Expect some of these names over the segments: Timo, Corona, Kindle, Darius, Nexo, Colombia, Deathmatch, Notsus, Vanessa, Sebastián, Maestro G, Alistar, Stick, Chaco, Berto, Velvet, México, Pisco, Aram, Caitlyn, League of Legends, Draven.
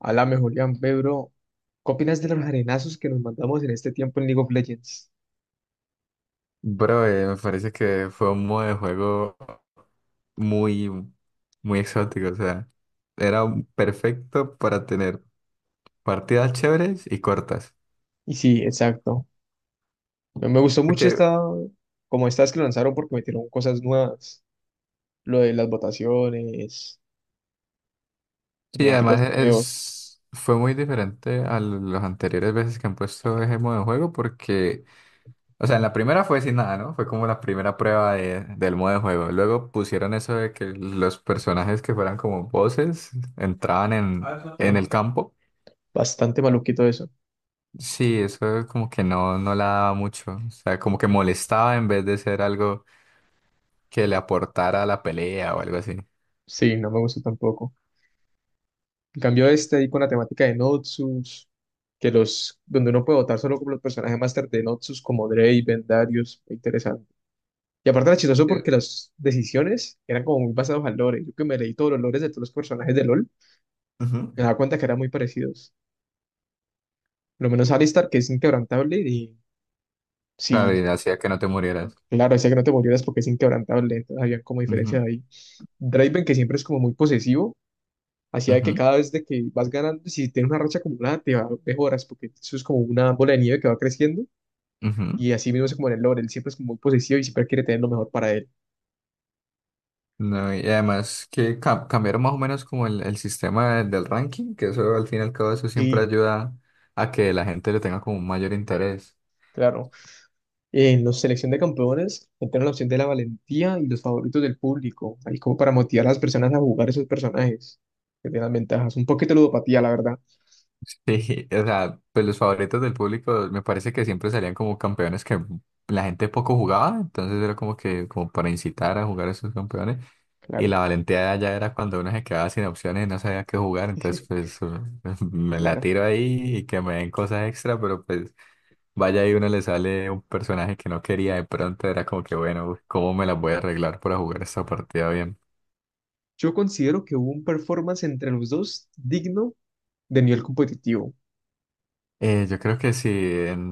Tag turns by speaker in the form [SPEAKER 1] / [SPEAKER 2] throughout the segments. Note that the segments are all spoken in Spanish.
[SPEAKER 1] Alame, Julián, Pedro, ¿qué opinas de los arenazos que nos mandamos en este tiempo en League of Legends?
[SPEAKER 2] Bro, me parece que fue un modo de juego muy, muy exótico. O sea, era perfecto para tener partidas chéveres y cortas.
[SPEAKER 1] Y sí, exacto. Me gustó mucho
[SPEAKER 2] Porque
[SPEAKER 1] esta, como estas que lanzaron porque metieron cosas nuevas. Lo de las votaciones,
[SPEAKER 2] sí, además
[SPEAKER 1] neumáticos nuevos.
[SPEAKER 2] fue muy diferente a las anteriores veces que han puesto ese modo de juego. Porque, o sea, en la primera fue sin nada, ¿no? Fue como la primera prueba del modo de juego. Luego pusieron eso de que los personajes que fueran como voces entraban en
[SPEAKER 1] pero
[SPEAKER 2] el campo.
[SPEAKER 1] Bastante maluquito eso.
[SPEAKER 2] Sí, eso como que no, no la daba mucho. O sea, como que molestaba en vez de ser algo que le aportara a la pelea o algo así.
[SPEAKER 1] Sí, no me gustó tampoco. En cambio este ahí con la temática de Notsus, que los, donde uno puede votar solo con los personajes máster de Notsus como Draven, Darius, muy interesante. Y aparte era chistoso porque
[SPEAKER 2] Sí.
[SPEAKER 1] las decisiones eran como muy basadas al lore. Yo que me leí todos los lores de todos los personajes de LoL,
[SPEAKER 2] Ujú.
[SPEAKER 1] me daba cuenta que eran muy parecidos. Lo menos Alistar, que es inquebrantable, y
[SPEAKER 2] Claro,
[SPEAKER 1] sí,
[SPEAKER 2] y hacía que no te murieras.
[SPEAKER 1] claro, decía que no te murieras porque es inquebrantable, entonces había como diferencias
[SPEAKER 2] Ujú,
[SPEAKER 1] ahí. Draven, que siempre es como muy posesivo, hacía que
[SPEAKER 2] ujú,
[SPEAKER 1] cada vez de que vas ganando, si tienes una racha acumulada, te va, mejoras, porque eso es como una bola de nieve que va creciendo,
[SPEAKER 2] ujú.
[SPEAKER 1] y así mismo es como en el lore, él siempre es como muy posesivo y siempre quiere tener lo mejor para él.
[SPEAKER 2] No, y además que cambiaron más o menos como el sistema del ranking, que eso al fin y al cabo eso siempre
[SPEAKER 1] Sí,
[SPEAKER 2] ayuda a que la gente le tenga como un mayor interés.
[SPEAKER 1] claro. En los selección de campeones entraron la opción de la valentía y los favoritos del público, ahí como para motivar a las personas a jugar esos personajes, que tienen ventajas. Un poquito de ludopatía, la verdad.
[SPEAKER 2] Sí, o sea, pues los favoritos del público me parece que siempre salían como campeones que la gente poco jugaba, entonces era como que como para incitar a jugar a esos campeones y
[SPEAKER 1] Claro,
[SPEAKER 2] la valentía ya era cuando uno se quedaba sin opciones y no sabía qué jugar, entonces pues me la
[SPEAKER 1] claro.
[SPEAKER 2] tiro ahí y que me den cosas extra, pero pues vaya y uno le sale un personaje que no quería, de pronto era como que bueno, uy, ¿cómo me las voy a arreglar para jugar esta partida bien?
[SPEAKER 1] Yo considero que hubo un performance entre los dos digno de nivel competitivo.
[SPEAKER 2] Yo creo que si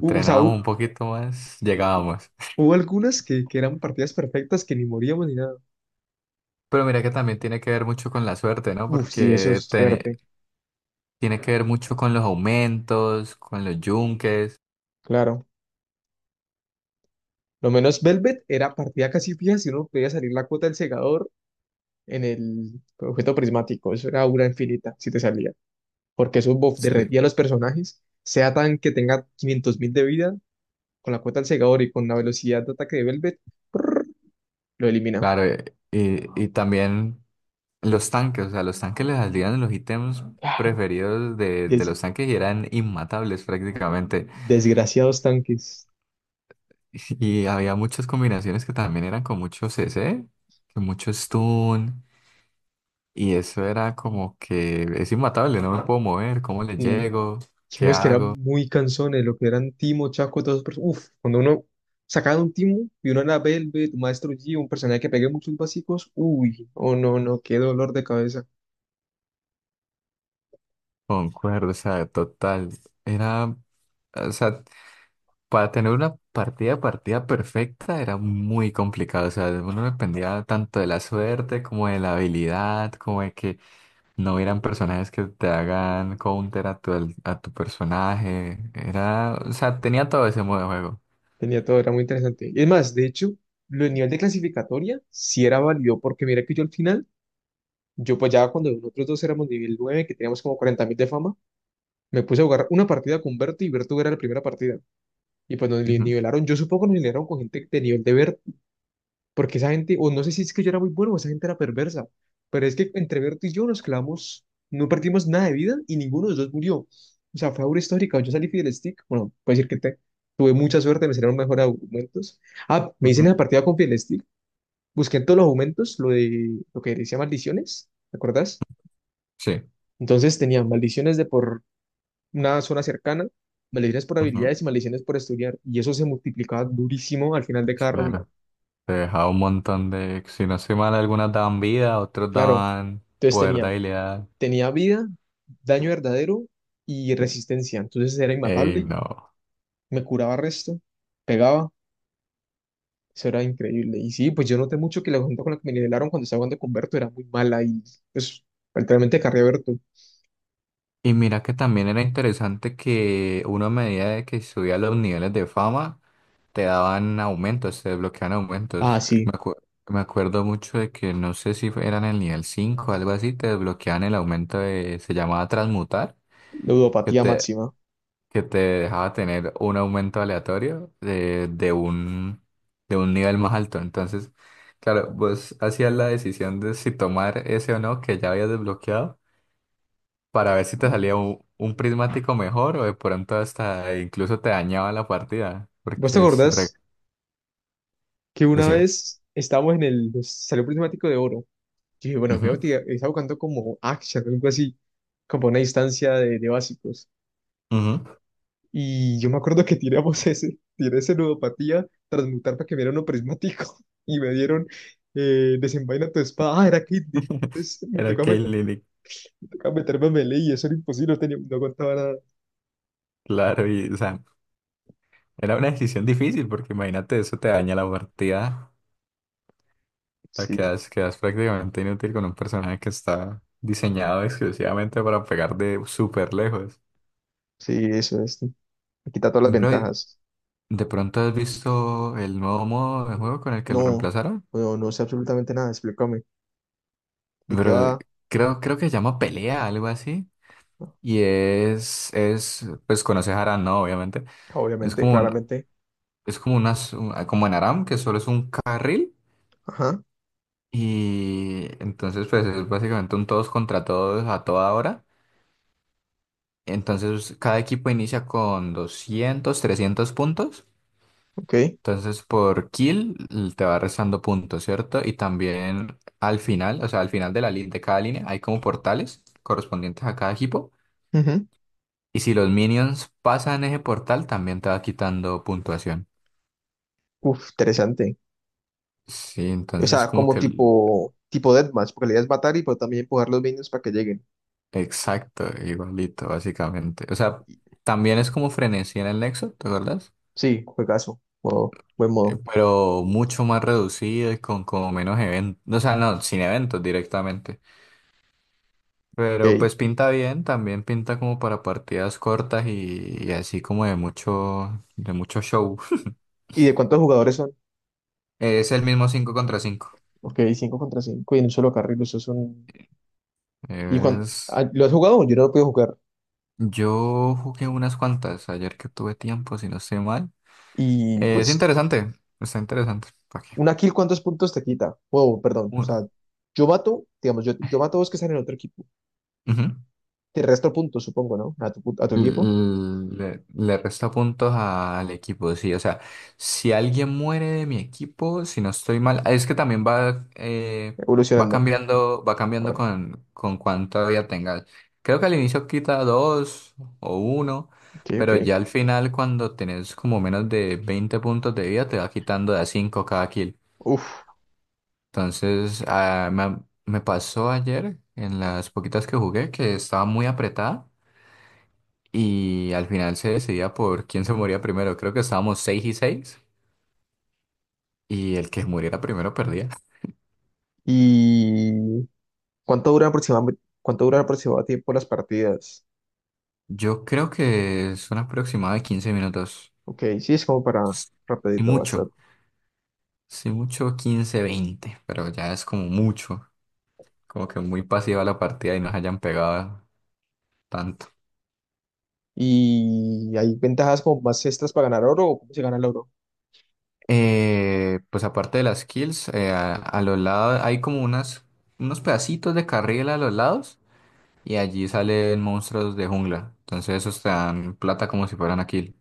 [SPEAKER 1] O sea,
[SPEAKER 2] un poquito más, llegábamos.
[SPEAKER 1] hubo algunas que eran partidas perfectas que ni moríamos ni nada.
[SPEAKER 2] Pero mira que también tiene que ver mucho con la suerte, ¿no?
[SPEAKER 1] Uf, sí, eso
[SPEAKER 2] Porque
[SPEAKER 1] es
[SPEAKER 2] tiene,
[SPEAKER 1] suerte,
[SPEAKER 2] tiene que ver mucho con los aumentos, con los yunques,
[SPEAKER 1] claro. Lo menos Velvet era partida casi fija si uno podía salir la cuota del segador en el objeto prismático. Eso era aura infinita si te salía. Porque eso buff
[SPEAKER 2] este,
[SPEAKER 1] derretía a los personajes, sea tan que tenga 500.000 de vida, con la cuota del segador y con la velocidad de ataque de Velvet, lo elimina.
[SPEAKER 2] claro, y también los tanques, o sea, los tanques les salían los ítems
[SPEAKER 1] Claro,
[SPEAKER 2] preferidos de
[SPEAKER 1] des-
[SPEAKER 2] los tanques y eran inmatables prácticamente.
[SPEAKER 1] desgraciados tanques.
[SPEAKER 2] Y había muchas combinaciones que también eran con mucho c C, con mucho stun, y eso era como que es inmatable, no me puedo mover, ¿cómo le
[SPEAKER 1] Mm,
[SPEAKER 2] llego?
[SPEAKER 1] y
[SPEAKER 2] ¿Qué
[SPEAKER 1] unos que
[SPEAKER 2] hago?
[SPEAKER 1] eran muy cansones, lo que eran Timo, Chaco, todos esos perso- Uf, cuando uno sacaba un Timo y uno era Velvet, un Maestro G un personaje que pegue muchos básicos, uy, oh no, no, qué dolor de cabeza.
[SPEAKER 2] Concuerdo, o sea, total. Era, o sea, para tener una partida, partida perfecta era muy complicado. O sea, uno dependía tanto de la suerte como de la habilidad, como de que no hubieran personajes que te hagan counter a tu, a tu personaje. Era, o sea, tenía todo ese modo de juego.
[SPEAKER 1] Tenía todo, era muy interesante. Y es más, de hecho, lo del nivel de clasificatoria sí era válido, porque mira que yo al final. Yo pues ya cuando nosotros dos éramos nivel 9 que teníamos como 40.000 de fama, me puse a jugar una partida con Berto y Berto era la primera partida. Y pues
[SPEAKER 2] Ujú,
[SPEAKER 1] nivelaron, yo supongo que nos nivelaron con gente de nivel de Berto, porque esa gente, o no sé si es que yo era muy bueno o esa gente era perversa, pero es que entre Berto y yo nos clavamos, no perdimos nada de vida y ninguno de los dos murió. O sea, fue aura histórica, yo salí del stick, bueno, puedo decir que tuve mucha suerte, me salieron mejor argumentos. Ah, me hice en
[SPEAKER 2] ujú,
[SPEAKER 1] la partida con Stick, busqué en todos los argumentos lo de lo que decía maldiciones, ¿te acuerdas?
[SPEAKER 2] sí,
[SPEAKER 1] Entonces tenían maldiciones de por una zona cercana, maldiciones por
[SPEAKER 2] ujú,
[SPEAKER 1] habilidades y maldiciones por estudiar. Y eso se multiplicaba durísimo al final de cada ronda.
[SPEAKER 2] claro. Te dejaba un montón de, si no soy mal, algunas daban vida, otros
[SPEAKER 1] Claro.
[SPEAKER 2] daban
[SPEAKER 1] Entonces
[SPEAKER 2] poder de
[SPEAKER 1] tenía,
[SPEAKER 2] habilidad.
[SPEAKER 1] tenía vida, daño verdadero y resistencia. Entonces era
[SPEAKER 2] Ey,
[SPEAKER 1] inmatable,
[SPEAKER 2] no.
[SPEAKER 1] me curaba resto, pegaba. Eso era increíble. Y sí, pues yo noté mucho que la gente con la que me nivelaron cuando estaba jugando con Berto era muy mala y pues literalmente carré a Berto.
[SPEAKER 2] Y mira que también era interesante que uno a medida de que subía los niveles de fama, te daban aumentos, te desbloqueaban aumentos.
[SPEAKER 1] Ah,
[SPEAKER 2] Me
[SPEAKER 1] sí,
[SPEAKER 2] acu- Me acuerdo mucho de que no sé si eran el nivel 5 o algo así, te desbloqueaban el aumento de, se llamaba transmutar, que
[SPEAKER 1] ludopatía
[SPEAKER 2] te,
[SPEAKER 1] máxima.
[SPEAKER 2] que te dejaba tener un aumento aleatorio de un nivel más alto. Entonces, claro, vos hacías la decisión de si tomar ese o no que ya habías desbloqueado para ver si te salía un prismático mejor o de pronto hasta incluso te dañaba la partida,
[SPEAKER 1] ¿Vos te
[SPEAKER 2] porque
[SPEAKER 1] acordás que una
[SPEAKER 2] Decime.
[SPEAKER 1] vez estábamos en el pues, salió prismático de oro? Sí, bueno, veo
[SPEAKER 2] Ujú,
[SPEAKER 1] que estaba buscando como Action o algo así, como una instancia de básicos.
[SPEAKER 2] ujú.
[SPEAKER 1] Y yo me acuerdo que tiré ese ludopatía, transmutar para que me dieran un prismático y me dieron desenvaina tu espada. Ah, era Kindle. Entonces me
[SPEAKER 2] Era
[SPEAKER 1] tocaba,
[SPEAKER 2] Caitlyn,
[SPEAKER 1] me tocaba meterme a melee y eso era imposible, no, tenía, no aguantaba nada.
[SPEAKER 2] claro, y o sea, era una decisión difícil porque imagínate, eso te daña la partida, o sea,
[SPEAKER 1] Sí,
[SPEAKER 2] quedas, quedas prácticamente inútil con un personaje que está diseñado exclusivamente para pegar de súper lejos.
[SPEAKER 1] sí, eso es. Me quita todas las
[SPEAKER 2] Bro,
[SPEAKER 1] ventajas.
[SPEAKER 2] ¿de pronto has visto el nuevo modo de juego con el que lo
[SPEAKER 1] No,
[SPEAKER 2] reemplazaron?
[SPEAKER 1] no, no sé absolutamente nada, explícame. ¿De qué
[SPEAKER 2] Pero
[SPEAKER 1] va?
[SPEAKER 2] creo que se llama pelea, algo así. Y pues conoces Aram, ¿no? Obviamente. Es
[SPEAKER 1] Obviamente,
[SPEAKER 2] como un,
[SPEAKER 1] claramente.
[SPEAKER 2] es como en Aram, que solo es un carril.
[SPEAKER 1] Ajá,
[SPEAKER 2] Y entonces, pues es básicamente un todos contra todos a toda hora. Entonces, cada equipo inicia con 200 300 puntos.
[SPEAKER 1] ok.
[SPEAKER 2] Entonces, por kill te va restando puntos, ¿cierto? Y también al final, o sea, al final de de cada línea hay como portales correspondientes a cada equipo.
[SPEAKER 1] Ujú.
[SPEAKER 2] Y si los minions pasan ese portal, también te va quitando puntuación.
[SPEAKER 1] Uf, interesante.
[SPEAKER 2] Sí,
[SPEAKER 1] O
[SPEAKER 2] entonces
[SPEAKER 1] sea,
[SPEAKER 2] como
[SPEAKER 1] como
[SPEAKER 2] que el
[SPEAKER 1] tipo, tipo Deathmatch, porque la idea es matar y pero también empujar los minions para que lleguen.
[SPEAKER 2] exacto, igualito, básicamente. O sea,
[SPEAKER 1] Y-
[SPEAKER 2] también es como frenesí en el Nexo, ¿te acuerdas?
[SPEAKER 1] Sí, juegazo. Modo, buen modo.
[SPEAKER 2] Pero mucho más reducido y con como menos eventos. O sea, no, sin eventos directamente. Pero
[SPEAKER 1] Ey.
[SPEAKER 2] pues pinta bien, también pinta como para partidas cortas y así como de mucho show.
[SPEAKER 1] ¿Y de cuántos jugadores son?
[SPEAKER 2] Es el mismo 5 contra cinco.
[SPEAKER 1] Ok, 5 contra 5 y en un solo carril, eso es un. ¿Y cuando?
[SPEAKER 2] Es...
[SPEAKER 1] ¿Lo has jugado? Yo no lo puedo jugar.
[SPEAKER 2] Yo jugué unas cuantas ayer que tuve tiempo, si no estoy mal.
[SPEAKER 1] Y
[SPEAKER 2] Es
[SPEAKER 1] pues,
[SPEAKER 2] interesante, está interesante. ¿Para qué?
[SPEAKER 1] una kill, ¿cuántos puntos te quita? Wow, perdón. O
[SPEAKER 2] Bueno,
[SPEAKER 1] sea, yo, mato, digamos, yo mato a dos que están en otro equipo.
[SPEAKER 2] ujú.
[SPEAKER 1] Te resto puntos, supongo, ¿no? A tu, a tu equipo.
[SPEAKER 2] Le resta puntos al equipo, sí. O sea, si alguien muere de mi equipo, si no estoy mal, es que también va,
[SPEAKER 1] Evolucionando.
[SPEAKER 2] va cambiando
[SPEAKER 1] Ahora.
[SPEAKER 2] con cuánta vida tengas. Creo que al inicio quita 2 o 1,
[SPEAKER 1] Ok, ok.
[SPEAKER 2] pero ya al final, cuando tenés como menos de 20 puntos de vida, te va quitando de a 5 cada kill.
[SPEAKER 1] Uf.
[SPEAKER 2] Entonces, ah, me pasó ayer en las poquitas que jugué que estaba muy apretada. Y al final se decidía por quién se moría primero. Creo que estábamos 6-6 y el que muriera primero perdía.
[SPEAKER 1] Y... cuánto duran aproximadamente tiempo las partidas?
[SPEAKER 2] Yo creo que son aproximadamente de 15 minutos.
[SPEAKER 1] Ok, sí, es como para
[SPEAKER 2] Y
[SPEAKER 1] rapidito
[SPEAKER 2] mucho.
[SPEAKER 1] bastante.
[SPEAKER 2] Sí, mucho 15, 20 pero ya es como mucho. Como que muy pasiva la partida y nos hayan pegado tanto.
[SPEAKER 1] ¿Y hay ventajas como más extras para ganar oro o cómo se gana el oro?
[SPEAKER 2] Pues aparte de las kills, a los lados hay como unas, unos pedacitos de carril a los lados y allí salen monstruos de jungla. Entonces esos te dan plata como si fueran aquí.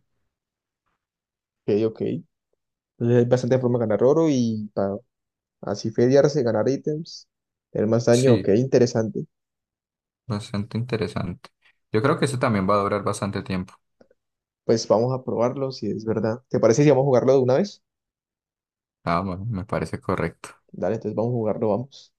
[SPEAKER 1] Ok, ok. Entonces hay bastante forma de ganar oro y para así feriarse, ganar ítems, tener más daño. Ok,
[SPEAKER 2] Sí,
[SPEAKER 1] interesante.
[SPEAKER 2] bastante interesante. Yo creo que eso también va a durar bastante tiempo.
[SPEAKER 1] Pues vamos a probarlo si es verdad. ¿Te parece si vamos a jugarlo de una vez?
[SPEAKER 2] Ah, bueno, me parece correcto.
[SPEAKER 1] Dale, entonces vamos a jugarlo, vamos.